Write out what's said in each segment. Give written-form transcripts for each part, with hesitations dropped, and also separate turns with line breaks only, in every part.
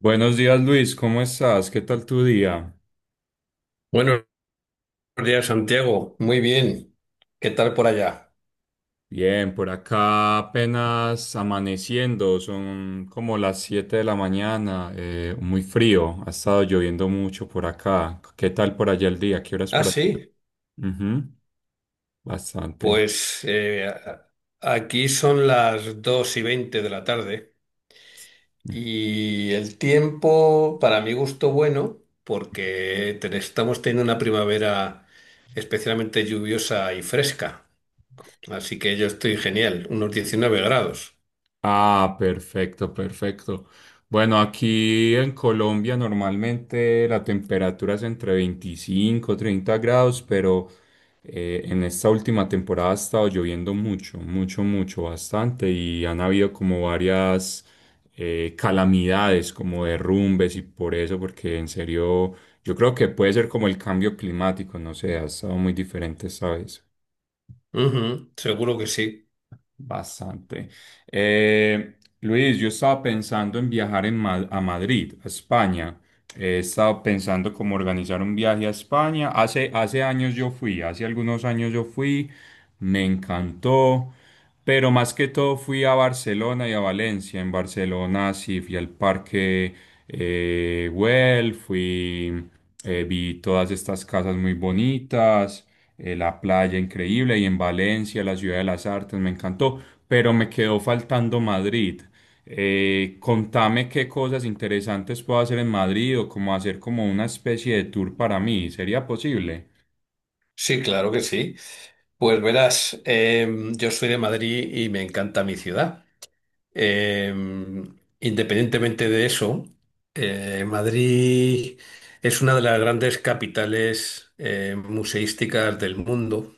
Buenos días Luis, ¿cómo estás? ¿Qué tal tu día?
Buenos días, Santiago. Muy bien. ¿Qué tal por allá?
Bien, por acá apenas amaneciendo, son como las 7 de la mañana, muy frío, ha estado lloviendo mucho por acá. ¿Qué tal por allá el día? ¿Qué horas
Ah,
por allá?
sí.
Ujú, bastante.
Pues aquí son las 2:20 de la tarde y el tiempo, para mi gusto, bueno, porque estamos teniendo una primavera especialmente lluviosa y fresca. Así que yo estoy genial, unos 19 grados.
Ah, perfecto, perfecto. Bueno, aquí en Colombia normalmente la temperatura es entre 25 30 grados, pero en esta última temporada ha estado lloviendo mucho, mucho, mucho, bastante y han habido como varias calamidades, como derrumbes y por eso, porque en serio yo creo que puede ser como el cambio climático, no sé, ha estado muy diferente esta vez.
Ujú, seguro que sí.
Bastante. Eh, Luis, yo estaba pensando en viajar a Madrid, a España. He estado pensando cómo organizar un viaje a España. Hace años yo fui, hace algunos años yo fui, me encantó. Pero más que todo fui a Barcelona y a Valencia. En Barcelona sí fui al parque Güell, fui, vi todas estas casas muy bonitas, la playa increíble y en Valencia, la ciudad de las artes, me encantó, pero me quedó faltando Madrid. Contame qué cosas interesantes puedo hacer en Madrid o cómo hacer como una especie de tour para mí. ¿Sería posible?
Sí, claro que sí. Pues verás, yo soy de Madrid y me encanta mi ciudad. Eh, independientemente de eso, Madrid es una de las grandes capitales museísticas del mundo.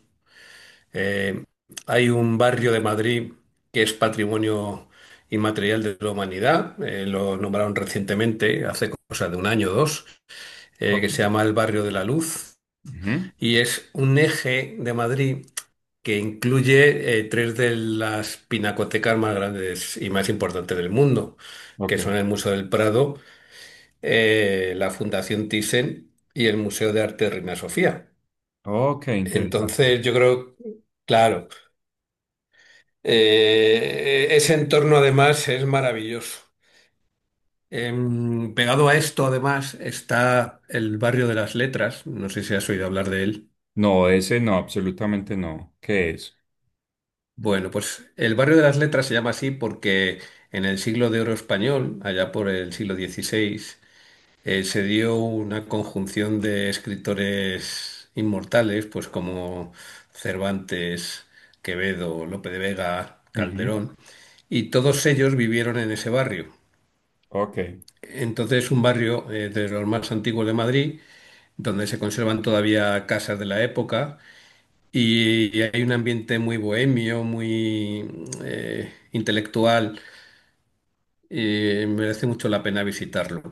Eh, hay un barrio de Madrid que es patrimonio inmaterial de la humanidad, lo nombraron recientemente, hace cosa de un año o dos,
Ok.
que se llama el Barrio de la Luz
Ujú.
y es un eje de Madrid que incluye tres de las pinacotecas más grandes y más importantes del mundo, que
Ok,
son el Museo del Prado, la Fundación Thyssen y el Museo de Arte de Reina Sofía.
ok, interesante.
Entonces, yo creo, claro, ese entorno además es maravilloso. Pegado a esto, además, está el barrio de las Letras. No sé si has oído hablar de él.
No, ese no, absolutamente no. ¿Qué es?
Bueno, pues el barrio de las Letras se llama así porque en el siglo de oro español, allá por el siglo XVI, se dio una conjunción de escritores inmortales, pues como Cervantes, Quevedo, Lope de Vega,
Ujú.
Calderón, y todos ellos vivieron en ese barrio.
Ok.
Entonces un barrio de los más antiguos de Madrid, donde se conservan todavía casas de la época y hay un ambiente muy bohemio, muy intelectual, y merece mucho la pena visitarlo.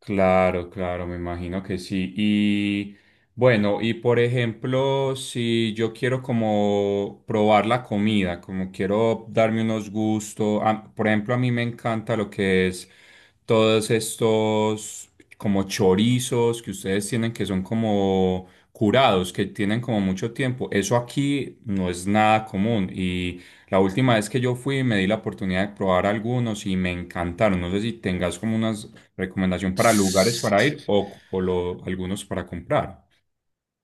Claro, claro, me imagino que sí. Y bueno, y por ejemplo, si yo quiero como probar la comida, como quiero darme unos gustos, por ejemplo, a mí me encanta lo que es todos estos como chorizos que ustedes tienen que son como curados, que tienen como mucho tiempo. Eso aquí no es nada común y la última vez que yo fui me di la oportunidad de probar algunos y me encantaron. No sé si tengas como unas recomendación para lugares para ir o algunos para comprar.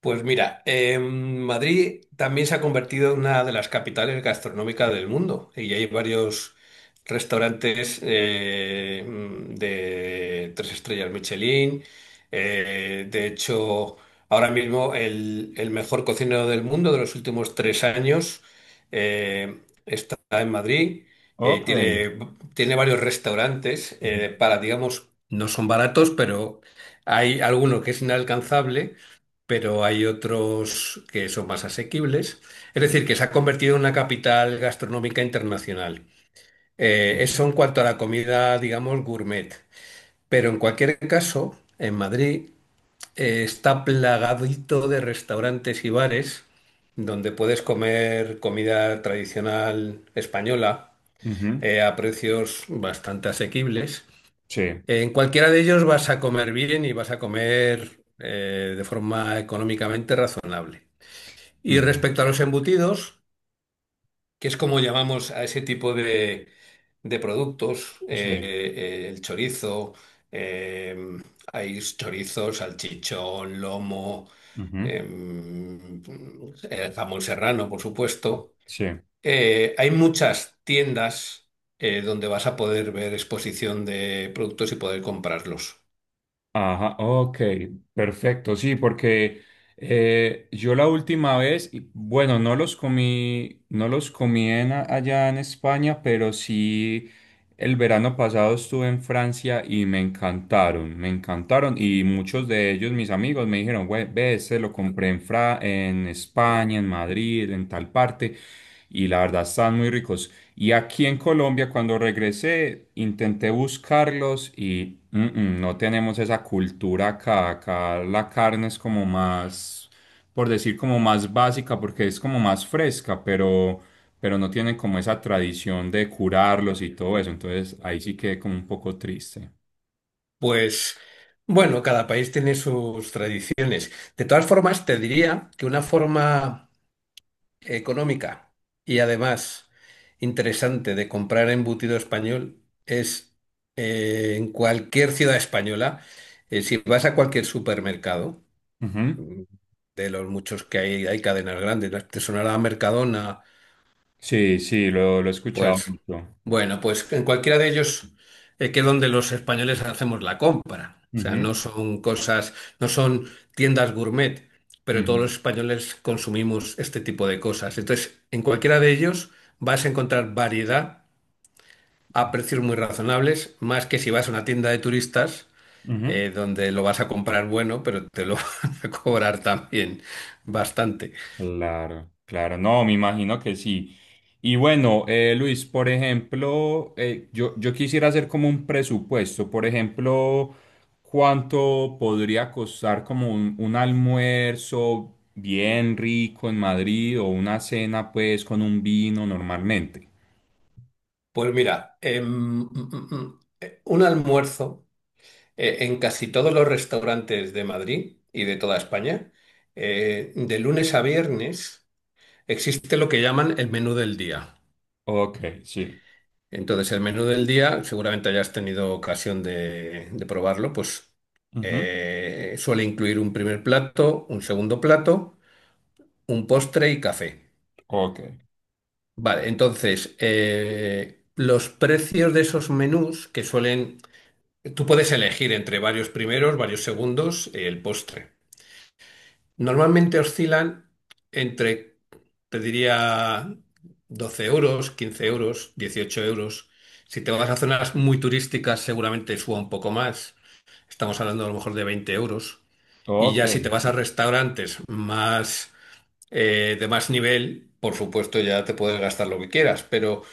Pues mira, Madrid también se ha convertido en una de las capitales gastronómicas del mundo y hay varios restaurantes de 3 estrellas Michelin. De hecho, ahora mismo el mejor cocinero del mundo de los últimos 3 años eh, está en Madrid. Eh,
Ok.
tiene, tiene varios restaurantes
Ujú.
para, digamos, no son baratos, pero hay alguno que es inalcanzable pero hay otros que son más asequibles. Es decir, que se ha convertido en una capital gastronómica internacional. Eso en cuanto a la comida, digamos, gourmet. Pero en cualquier caso, en Madrid está plagadito de restaurantes y bares donde puedes comer comida tradicional española
Ujú.
a precios bastante asequibles.
Sí.
En cualquiera de ellos vas a comer bien y vas a comer de forma económicamente razonable. Y
Ujú.
respecto a los embutidos, que es como llamamos a ese tipo de productos,
Sí.
el chorizo, eh, hay chorizos, salchichón, lomo,
Ujú.
em, jamón serrano, por supuesto.
Sí.
Hay muchas tiendas donde vas a poder ver exposición de productos y poder comprarlos.
Ajá, ok, perfecto, sí, porque yo la última vez, y bueno, no los comí, no los comí allá en España, pero sí el verano pasado estuve en Francia y me encantaron y muchos de ellos, mis amigos, me dijeron, "Güey, ve, este lo compré en España, en Madrid, en tal parte y la verdad están muy ricos". Y aquí en Colombia, cuando regresé, intenté buscarlos y no tenemos esa cultura acá, acá la carne es como más, por decir como más básica porque es como más fresca, pero no tienen como esa tradición de curarlos y todo eso, entonces ahí sí quedé como un poco triste.
Pues bueno, cada país tiene sus tradiciones. De todas formas, te diría que una forma económica y además interesante de comprar embutido español es en cualquier ciudad española, si vas a cualquier supermercado,
Ujú.
mm, de los muchos que hay cadenas grandes, ¿no? Te sonará Mercadona,
Sí, sí, lo he escuchado
pues
mucho.
bueno, pues en cualquiera de ellos que donde los españoles hacemos la compra. O sea,
Ujú,
no son cosas, no son tiendas gourmet, pero todos
ujú,
los españoles consumimos este tipo de cosas. Entonces, en cualquiera de ellos vas a encontrar variedad a precios muy razonables, más que si vas a una tienda de turistas,
ujú.
donde lo vas a comprar bueno, pero te lo van a cobrar también bastante.
Claro, claro, no, me imagino que sí. Y bueno, Luis, por ejemplo, yo quisiera hacer como un presupuesto, por ejemplo, ¿cuánto podría costar como un almuerzo bien rico en Madrid o una cena pues con un vino normalmente?
Pues mira, un almuerzo. En casi todos los restaurantes de Madrid y de toda España, de lunes a viernes existe lo que llaman el menú del día.
Ok, sí.
Entonces, el menú del día, seguramente hayas tenido ocasión de probarlo, pues
Ujú.
suele incluir un primer plato, un segundo plato, un postre y café.
Ok,
Vale, entonces, los precios de esos menús que suelen... Tú puedes elegir entre varios primeros, varios segundos, el postre. Normalmente oscilan entre, te diría, 12 euros, 15 euros, 18 euros. Si te vas a zonas muy turísticas, seguramente suba un poco más. Estamos hablando a lo mejor de 20 euros. Y
ok,
ya si te vas a restaurantes más, de más nivel, por supuesto ya te puedes gastar lo que quieras, pero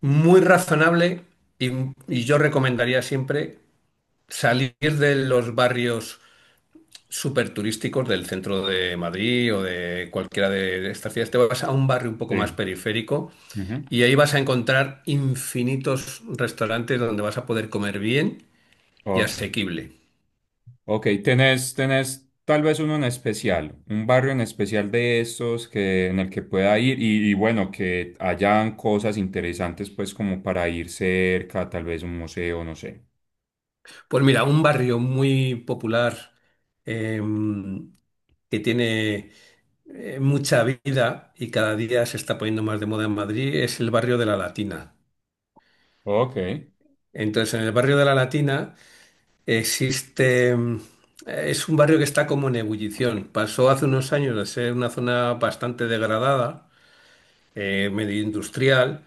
muy razonable y, y yo recomendaría siempre salir de los barrios súper turísticos del centro de Madrid o de cualquiera de estas ciudades. Te vas a un barrio un poco más
sí.
periférico
Ujú.
y ahí vas a encontrar infinitos restaurantes donde vas a poder comer bien y
Ok.
asequible.
Ok, tenés tal vez uno en especial, un barrio en especial de estos que, en el que pueda ir y bueno, que hayan cosas interesantes pues como para ir cerca, tal vez un museo, no sé.
Pues mira, un barrio muy popular eh, que tiene mucha vida y cada día se está poniendo más de moda en Madrid es el barrio de la Latina.
Ok,
Entonces, en el barrio de la Latina existe, es un barrio que está como en ebullición. Pasó hace unos años de ser una zona bastante degradada, medio industrial,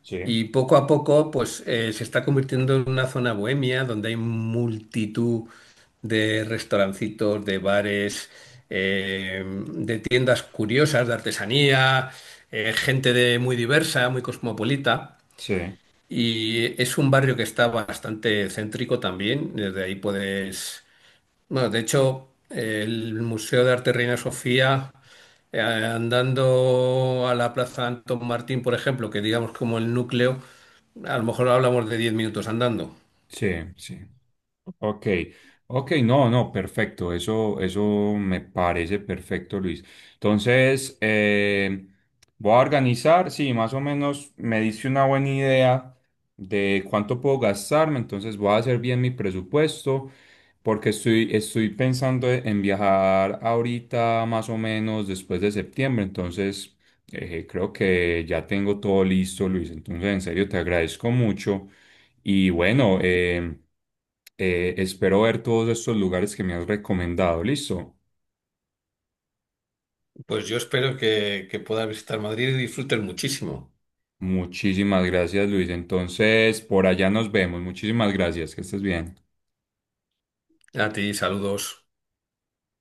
sí,
y poco a poco pues se está convirtiendo en una zona bohemia donde hay multitud de restaurancitos, de bares, eh, de tiendas curiosas, de artesanía, gente de muy diversa, muy cosmopolita.
sí,
Y es un barrio que está bastante céntrico también. Desde ahí puedes bueno, de hecho, el Museo de Arte Reina Sofía, andando a la Plaza Antón Martín, por ejemplo, que digamos como el núcleo, a lo mejor hablamos de 10 minutos andando.
sí, sí. Ok, ok, no, no, perfecto, eso me parece perfecto, Luis. Entonces, voy a organizar, sí, más o menos me dice una buena idea de cuánto puedo gastarme, entonces voy a hacer bien mi presupuesto, porque estoy pensando en viajar ahorita, más o menos después de septiembre, entonces creo que ya tengo todo listo, Luis. Entonces, en serio, te agradezco mucho. Y bueno, espero ver todos estos lugares que me has recomendado. Listo.
Pues yo espero que puedas visitar Madrid y disfrutes muchísimo.
Muchísimas gracias, Luis. Entonces, por allá nos vemos. Muchísimas gracias. Que estés bien.
A ti, saludos.